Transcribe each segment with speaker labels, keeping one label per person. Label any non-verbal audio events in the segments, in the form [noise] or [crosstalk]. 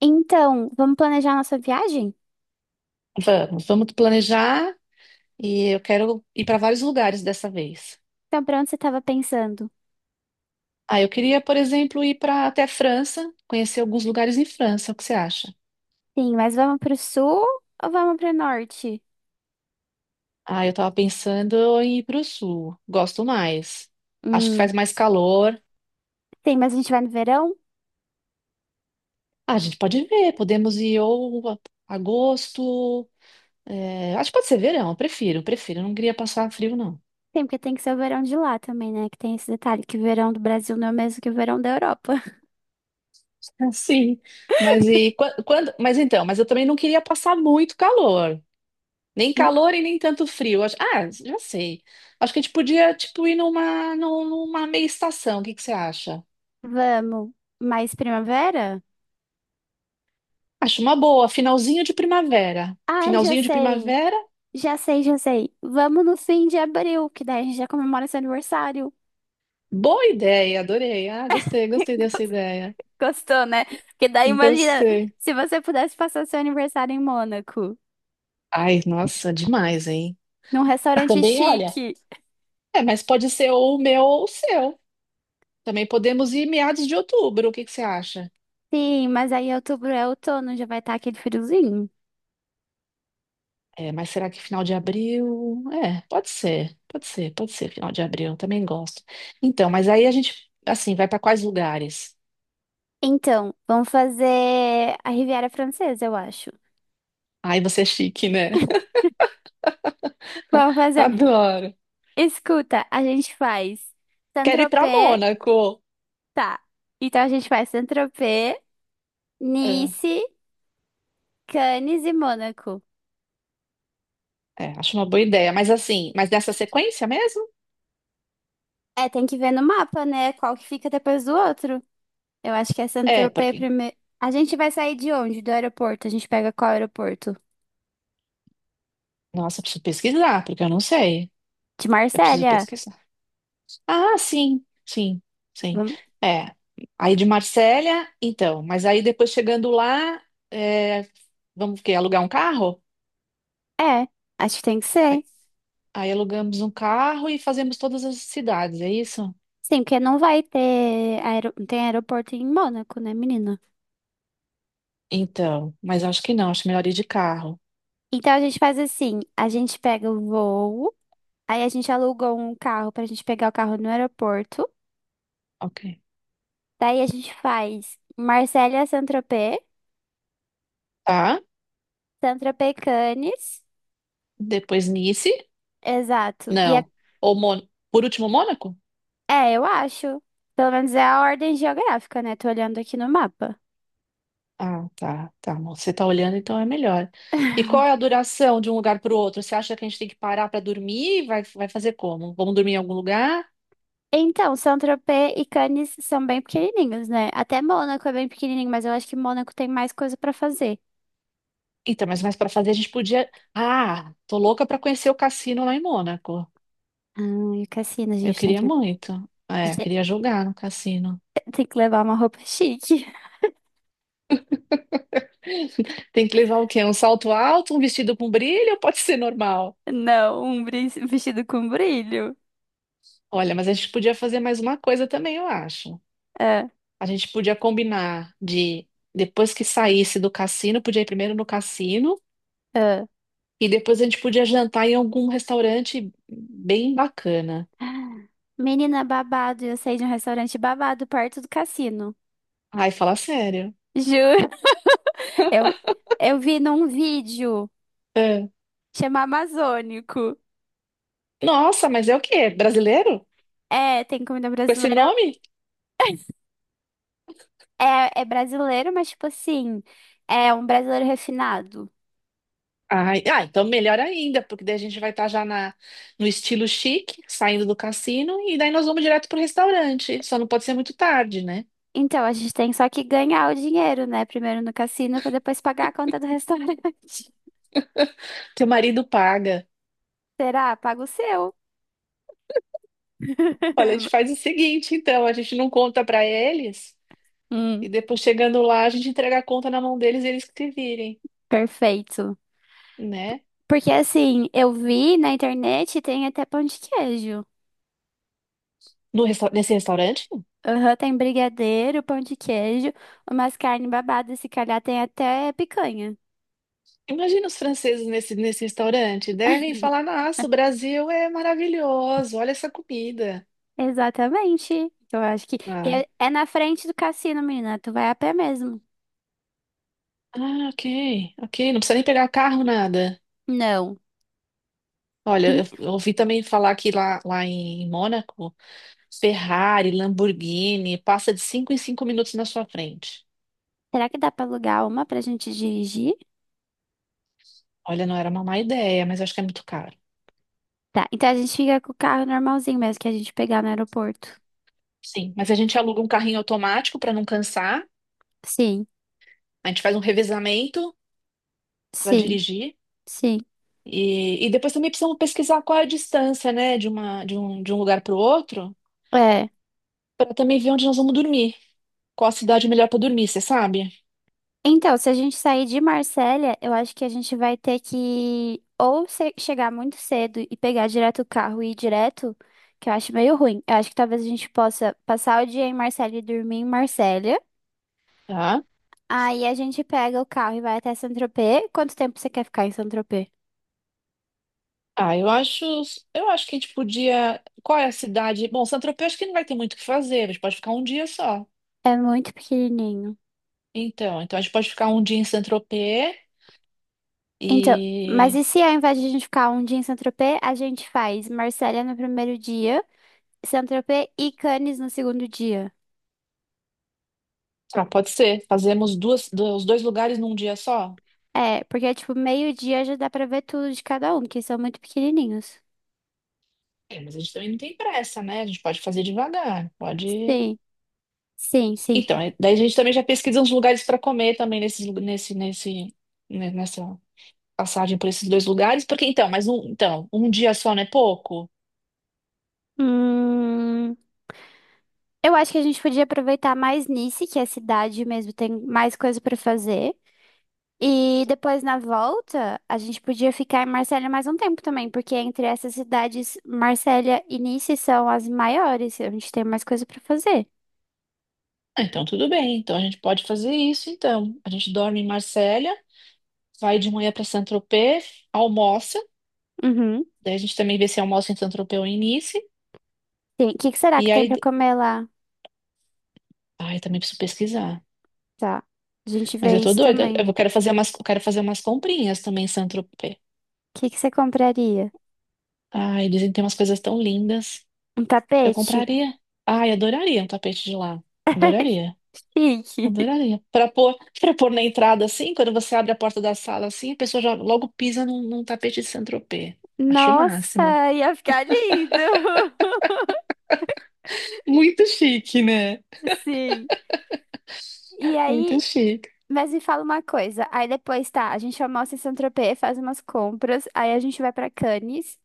Speaker 1: Então, vamos planejar nossa viagem?
Speaker 2: Vamos, vamos planejar e eu quero ir para vários lugares dessa vez.
Speaker 1: Então, pra onde você estava pensando?
Speaker 2: Ah, eu queria, por exemplo, ir para até a França, conhecer alguns lugares em França. O que você acha?
Speaker 1: Sim, mas vamos pro sul ou vamos pro norte?
Speaker 2: Ah, eu estava pensando em ir para o sul. Gosto mais. Acho que
Speaker 1: Hum,
Speaker 2: faz mais calor.
Speaker 1: Tem, mas a gente vai no verão?
Speaker 2: Ah, a gente pode ver. Podemos ir ou agosto. É, acho que pode ser verão. Eu prefiro, prefiro. Eu não queria passar frio, não.
Speaker 1: Tem, porque tem que ser o verão de lá também, né? Que tem esse detalhe que o verão do Brasil não é o mesmo que o verão da Europa.
Speaker 2: [laughs] Ah, sim, mas
Speaker 1: [laughs]
Speaker 2: e quando? Mas então, mas eu também não queria passar muito calor. Nem
Speaker 1: Em-
Speaker 2: calor e nem tanto frio. Ah, já sei. Acho que a gente podia, tipo, ir numa, numa meia estação. O que que você acha?
Speaker 1: Vamos. Mais primavera?
Speaker 2: Acho uma boa. Finalzinho de primavera.
Speaker 1: Ai, já
Speaker 2: Finalzinho de
Speaker 1: sei.
Speaker 2: primavera.
Speaker 1: Já sei, já sei. Vamos no fim de abril, que daí a gente já comemora seu aniversário.
Speaker 2: Boa ideia, adorei. Ah, gostei, gostei dessa
Speaker 1: [laughs]
Speaker 2: ideia.
Speaker 1: Gostou, né? Porque daí imagina
Speaker 2: Gostei.
Speaker 1: se você pudesse passar seu aniversário em Mônaco.
Speaker 2: Ai, nossa, demais, hein?
Speaker 1: Num restaurante
Speaker 2: Também, olha.
Speaker 1: chique.
Speaker 2: É, mas pode ser ou o meu ou o seu. Também podemos ir meados de outubro. O que que você acha?
Speaker 1: Sim, mas aí outubro é outono, já vai estar aquele friozinho.
Speaker 2: É, mas será que final de abril? É, pode ser, pode ser, pode ser final de abril, eu também gosto. Então, mas aí a gente, assim, vai para quais lugares?
Speaker 1: Então, vamos fazer a Riviera Francesa, eu acho.
Speaker 2: Aí você é chique, né?
Speaker 1: Vamos
Speaker 2: [laughs]
Speaker 1: fazer.
Speaker 2: Adoro.
Speaker 1: Escuta, a gente faz
Speaker 2: Quero ir para
Speaker 1: Saint-Tropez,
Speaker 2: Mônaco.
Speaker 1: tá. Então a gente faz Saint-Tropez,
Speaker 2: É,
Speaker 1: Nice, Cannes e Mônaco.
Speaker 2: é, acho uma boa ideia, mas assim, mas nessa sequência mesmo?
Speaker 1: É, tem que ver no mapa, né? Qual que fica depois do outro. Eu acho que é
Speaker 2: É,
Speaker 1: Saint-Tropez
Speaker 2: porque,
Speaker 1: primeiro. A gente vai sair de onde? Do aeroporto. A gente pega qual aeroporto?
Speaker 2: nossa, eu preciso pesquisar, porque eu não sei.
Speaker 1: De
Speaker 2: Eu preciso
Speaker 1: Marsella.
Speaker 2: pesquisar. Ah, sim, sim, sim.
Speaker 1: Vamos...
Speaker 2: É, aí de Marsella, então, mas aí depois chegando lá, é, vamos o quê? Alugar um carro?
Speaker 1: É, acho que tem que ser.
Speaker 2: Aí alugamos um carro e fazemos todas as cidades, é isso?
Speaker 1: Sim, porque não vai ter não tem aeroporto em Mônaco, né, menina?
Speaker 2: Então, mas acho que não, acho melhor ir de carro.
Speaker 1: Então a gente faz assim, a gente pega o voo, aí a gente aluga um carro pra gente pegar o carro no aeroporto,
Speaker 2: Ok.
Speaker 1: daí a gente faz Marselha a Saint-Tropez,
Speaker 2: Tá?
Speaker 1: Saint-Tropez Cannes,
Speaker 2: Depois Nice?
Speaker 1: exato. E é...
Speaker 2: Não. Ou Mon... Por último, Mônaco?
Speaker 1: É, eu acho, pelo menos é a ordem geográfica, né? Tô olhando aqui no mapa.
Speaker 2: Ah, tá, tá, amor. Você tá olhando, então é melhor. E qual é a
Speaker 1: [laughs]
Speaker 2: duração de um lugar para o outro? Você acha que a gente tem que parar para dormir? Vai, vai fazer como? Vamos dormir em algum lugar?
Speaker 1: Então, Saint-Tropez e Cannes são bem pequenininhos, né? Até Mônaco é bem pequenininho, mas eu acho que Mônaco tem mais coisa pra fazer.
Speaker 2: Então, mas mais para fazer a gente podia. Ah, tô louca para conhecer o cassino lá em Mônaco.
Speaker 1: Ah, e o Cassino, a
Speaker 2: Eu
Speaker 1: gente tem
Speaker 2: queria
Speaker 1: que, [laughs] a
Speaker 2: muito. É,
Speaker 1: gente
Speaker 2: queria jogar no cassino.
Speaker 1: tem que levar uma roupa chique.
Speaker 2: Tem que levar o quê? Um salto alto, um vestido com brilho ou pode ser normal?
Speaker 1: Não, um vestido com brilho.
Speaker 2: Olha, mas a gente podia fazer mais uma coisa também, eu acho.
Speaker 1: Ah,
Speaker 2: A gente podia combinar de, depois que saísse do cassino, podia ir primeiro no cassino
Speaker 1: ah.
Speaker 2: e depois a gente podia jantar em algum restaurante bem bacana.
Speaker 1: Menina babado, eu saí de um restaurante babado perto do cassino.
Speaker 2: Ai, fala sério.
Speaker 1: Juro. [laughs] Eu, eu vi num vídeo,
Speaker 2: É.
Speaker 1: chama Amazônico.
Speaker 2: Nossa, mas é o quê? Brasileiro?
Speaker 1: É, tem comida
Speaker 2: Com esse
Speaker 1: brasileira.
Speaker 2: nome?
Speaker 1: [laughs] É, é brasileiro, mas tipo assim, é um brasileiro refinado.
Speaker 2: Ai, ah, então melhor ainda, porque daí a gente vai estar já na, no estilo chique, saindo do cassino, e daí nós vamos direto pro restaurante. Só não pode ser muito tarde, né?
Speaker 1: Então, a gente tem só que ganhar o dinheiro, né? Primeiro no cassino, pra depois pagar a conta do restaurante. [laughs]
Speaker 2: Teu marido paga.
Speaker 1: Será? Paga o seu.
Speaker 2: Olha, a gente
Speaker 1: [laughs]
Speaker 2: faz o seguinte, então, a gente não conta pra eles,
Speaker 1: Hum,
Speaker 2: e depois chegando lá, a gente entrega a conta na mão deles e eles que se virem,
Speaker 1: perfeito.
Speaker 2: né?
Speaker 1: Porque assim, eu vi na internet tem até pão de queijo.
Speaker 2: No nesse restaurante?
Speaker 1: Aham, tem brigadeiro, pão de queijo, umas carnes babadas, se calhar tem até picanha.
Speaker 2: Imagina os franceses nesse, restaurante. Devem falar, nossa, o Brasil é maravilhoso, olha essa comida.
Speaker 1: Exatamente. Eu acho que. E
Speaker 2: Ah,
Speaker 1: é, é na frente do cassino, menina. Tu vai a pé mesmo.
Speaker 2: ah, ok, ok, não precisa nem pegar carro, nada.
Speaker 1: Não.
Speaker 2: Olha,
Speaker 1: E
Speaker 2: eu ouvi também falar que lá, em Mônaco, Ferrari, Lamborghini, passa de 5 em 5 minutos na sua frente.
Speaker 1: será que dá pra alugar uma pra gente dirigir?
Speaker 2: Olha, não era uma má ideia, mas acho que é muito caro.
Speaker 1: Tá, então a gente fica com o carro normalzinho mesmo que a gente pegar no aeroporto.
Speaker 2: Sim, mas a gente aluga um carrinho automático para não cansar,
Speaker 1: Sim,
Speaker 2: a gente faz um revezamento para
Speaker 1: sim,
Speaker 2: dirigir.
Speaker 1: sim.
Speaker 2: E depois também precisamos pesquisar qual é a distância, né, de um lugar para o outro,
Speaker 1: É.
Speaker 2: para também ver onde nós vamos dormir. Qual a cidade melhor para dormir, você sabe?
Speaker 1: Então, se a gente sair de Marsella, eu acho que a gente vai ter que ou chegar muito cedo e pegar direto o carro e ir direto, que eu acho meio ruim. Eu acho que talvez a gente possa passar o dia em Marsella e dormir em Marsella.
Speaker 2: Tá?
Speaker 1: Aí a gente pega o carro e vai até Saint-Tropez. Quanto tempo você quer ficar em Saint-Tropez?
Speaker 2: Ah, eu acho que a gente podia. Qual é a cidade? Bom, Saint-Tropez acho que não vai ter muito o que fazer, a gente pode ficar um dia só.
Speaker 1: É muito pequenininho.
Speaker 2: Então, a gente pode ficar um dia em Saint-Tropez
Speaker 1: Então, mas
Speaker 2: e.
Speaker 1: e se ao invés de a gente ficar um dia em Saint-Tropez, a gente faz Marsella no primeiro dia, Saint-Tropez e Cannes no segundo dia?
Speaker 2: Ah, pode ser. Fazemos duas, os dois lugares num dia só?
Speaker 1: É, porque tipo, meio-dia já dá pra ver tudo de cada um, que são muito pequenininhos.
Speaker 2: É, mas a gente também não tem pressa, né? A gente pode fazer devagar, pode.
Speaker 1: Sim, sim, sim.
Speaker 2: Então, daí a gente também já pesquisa uns lugares para comer também nesses, nesse, né, nessa passagem por esses dois lugares, porque então, mas um, então, um dia só não é pouco?
Speaker 1: Hum, eu acho que a gente podia aproveitar mais Nice, que é a cidade mesmo, tem mais coisa pra fazer. E depois na volta, a gente podia ficar em Marsella mais um tempo também, porque entre essas cidades, Marsella e Nice são as maiores. A gente tem mais coisa pra fazer.
Speaker 2: Ah, então, tudo bem. Então, a gente pode fazer isso, então. A gente dorme em Marsella, vai de manhã para Saint-Tropez, almoça.
Speaker 1: Uhum.
Speaker 2: Daí a gente também vê se almoça em Saint-Tropez ou em Nice.
Speaker 1: Tem. O que que será que
Speaker 2: E
Speaker 1: tem
Speaker 2: aí...
Speaker 1: pra comer lá?
Speaker 2: Ai, também preciso pesquisar.
Speaker 1: Tá. A gente
Speaker 2: Mas
Speaker 1: vê
Speaker 2: eu tô
Speaker 1: isso
Speaker 2: doida.
Speaker 1: também. O
Speaker 2: Eu quero fazer umas comprinhas também em Saint-Tropez.
Speaker 1: que que você compraria?
Speaker 2: Ai, dizem que tem umas coisas tão lindas.
Speaker 1: Um
Speaker 2: Eu
Speaker 1: tapete?
Speaker 2: compraria. Ai, adoraria um tapete de lá. Adoraria.
Speaker 1: Chique.
Speaker 2: Adoraria. Para pôr, [laughs] para pôr na entrada, assim, quando você abre a porta da sala, assim, a pessoa já logo pisa num tapete de Saint-Tropez. Acho o máximo.
Speaker 1: Nossa, ia ficar lindo! [laughs]
Speaker 2: Muito chique, né?
Speaker 1: Sim. E
Speaker 2: Muito
Speaker 1: aí,
Speaker 2: chique.
Speaker 1: mas me fala uma coisa. Aí depois, tá, a gente almoça em Saint-Tropez, faz umas compras, aí a gente vai pra Cannes.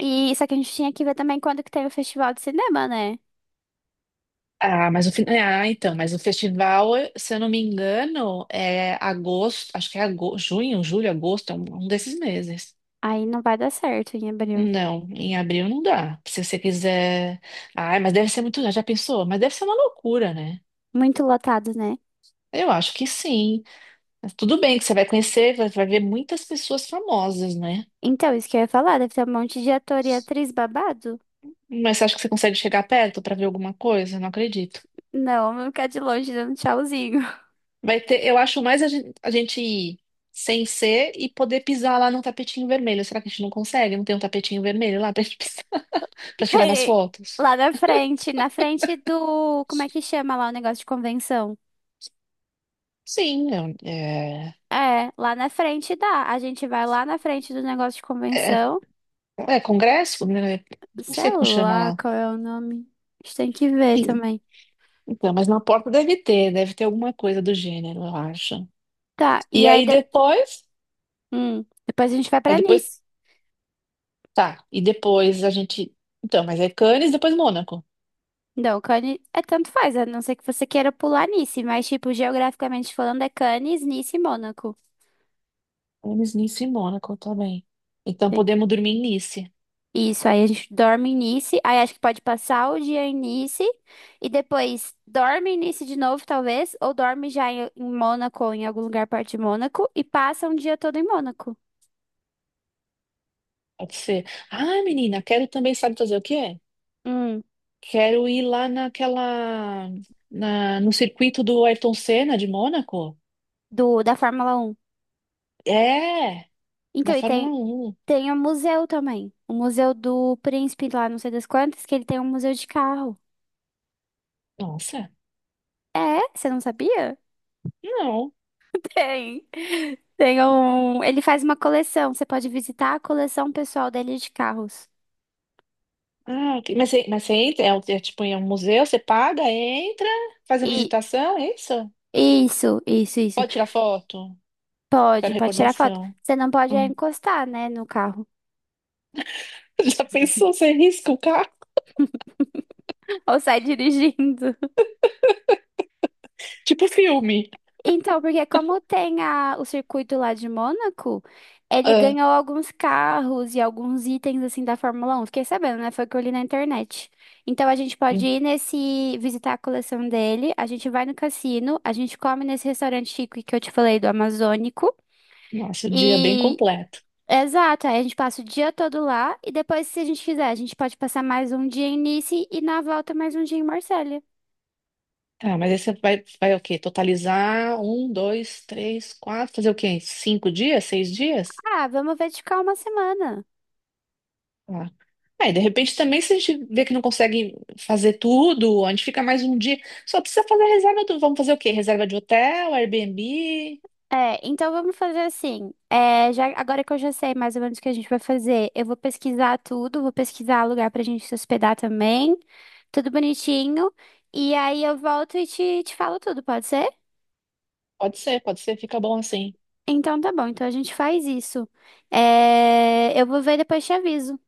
Speaker 1: E só que a gente tinha que ver também quando que tem o festival de cinema, né?
Speaker 2: Ah, mas o então, mas o festival, se eu não me engano, é agosto, acho que é agosto, junho, julho, agosto, é um desses meses.
Speaker 1: Aí não vai dar certo em abril.
Speaker 2: Não, em abril não dá. Se você quiser. Ai, mas deve ser muito. Já pensou? Mas deve ser uma loucura, né?
Speaker 1: Muito lotado, né?
Speaker 2: Eu acho que sim. Mas tudo bem que você vai conhecer, vai, vai ver muitas pessoas famosas, né?
Speaker 1: Então, isso que eu ia falar, deve ter um monte de ator e atriz babado.
Speaker 2: Mas você acha que você consegue chegar perto para ver alguma coisa? Não acredito.
Speaker 1: Não, vou ficar de longe dando tchauzinho.
Speaker 2: Vai ter, eu acho mais a gente, ir sem ser e poder pisar lá num tapetinho vermelho. Será que a gente não consegue? Não tem um tapetinho vermelho lá pra gente pisar, [laughs] pra
Speaker 1: [laughs]
Speaker 2: tirar umas
Speaker 1: Ei,
Speaker 2: fotos?
Speaker 1: lá na frente do. Como é que chama lá o negócio de convenção?
Speaker 2: Sim, é,
Speaker 1: É, lá na frente dá. A gente vai lá na frente do negócio de
Speaker 2: é, é-
Speaker 1: convenção.
Speaker 2: é congresso, né? Não
Speaker 1: Sei
Speaker 2: sei como chama
Speaker 1: lá
Speaker 2: lá.
Speaker 1: qual é o nome. A gente tem que ver
Speaker 2: Sim,
Speaker 1: também.
Speaker 2: então, mas na porta deve ter, alguma coisa do gênero, eu acho.
Speaker 1: Tá, e
Speaker 2: E
Speaker 1: aí
Speaker 2: aí
Speaker 1: de...
Speaker 2: depois,
Speaker 1: depois a gente vai
Speaker 2: aí
Speaker 1: pra
Speaker 2: depois,
Speaker 1: Nice.
Speaker 2: tá, e depois a gente, então, mas é Cannes, depois Mônaco.
Speaker 1: Não, Cannes é tanto faz, a não ser que você queira pular Nice, mas, tipo, geograficamente falando, é Cannes, Nice e Mônaco.
Speaker 2: Cannes, Nice e Mônaco, tá bem. Então
Speaker 1: Sim.
Speaker 2: podemos dormir em Nice.
Speaker 1: Isso, aí a gente dorme em Nice, aí acho que pode passar o dia em Nice e depois dorme em Nice de novo, talvez, ou dorme já em Mônaco ou em algum lugar perto de Mônaco e passa um dia todo em Mônaco.
Speaker 2: Pode ser. Ah, menina, quero também, sabe fazer o quê?
Speaker 1: Hum,
Speaker 2: Quero ir lá no circuito do Ayrton Senna de Mônaco.
Speaker 1: do, da Fórmula 1.
Speaker 2: É, da
Speaker 1: Então, e
Speaker 2: Fórmula
Speaker 1: tem,
Speaker 2: Um.
Speaker 1: tem o museu também. O museu do Príncipe lá, não sei das quantas, que ele tem um museu de carro.
Speaker 2: Nossa,
Speaker 1: É? Você não sabia?
Speaker 2: não.
Speaker 1: Tem. Tem um. Ele faz uma coleção. Você pode visitar a coleção pessoal dele de carros.
Speaker 2: Ah, ok. Mas você entra, é, é tipo em um museu, você paga, entra, faz a
Speaker 1: E
Speaker 2: visitação, é isso?
Speaker 1: isso, isso, isso.
Speaker 2: Pode tirar foto?
Speaker 1: Pode,
Speaker 2: Quero
Speaker 1: pode tirar foto.
Speaker 2: recordação.
Speaker 1: Você não pode é
Speaker 2: Hum.
Speaker 1: encostar, né, no carro.
Speaker 2: [laughs] Já pensou, você risca o carro?
Speaker 1: [laughs] Ou sai dirigindo.
Speaker 2: Tipo filme.
Speaker 1: Então, porque como tem a, o circuito lá de Mônaco, ele
Speaker 2: Ah,
Speaker 1: ganhou alguns carros e alguns itens assim da Fórmula 1. Fiquei sabendo, né? Foi o que eu li na internet. Então a gente pode ir nesse, visitar a coleção dele, a gente vai no cassino, a gente come nesse restaurante chique que eu te falei do Amazônico.
Speaker 2: nossa, o dia é bem
Speaker 1: E
Speaker 2: completo.
Speaker 1: exato, aí a gente passa o dia todo lá e depois, se a gente quiser, a gente pode passar mais um dia em Nice e na volta mais um dia em Marselha.
Speaker 2: Tá, mas aí você vai, vai o quê? Totalizar um, dois, três, quatro, fazer o quê? 5 dias, 6 dias?
Speaker 1: Ah, vamos ver de ficar uma semana.
Speaker 2: Tá. Aí, de repente, também, se a gente vê que não consegue fazer tudo, a gente fica mais um dia. Só precisa fazer a reserva do. Vamos fazer o quê? Reserva de hotel, Airbnb?
Speaker 1: É, então vamos fazer assim. É, já, agora que eu já sei mais ou menos o que a gente vai fazer, eu vou pesquisar tudo, vou pesquisar lugar pra gente se hospedar também, tudo bonitinho. E aí eu volto e te falo tudo, pode ser?
Speaker 2: Pode ser, fica bom assim.
Speaker 1: Então tá bom, então a gente faz isso. É, eu vou ver e depois te aviso.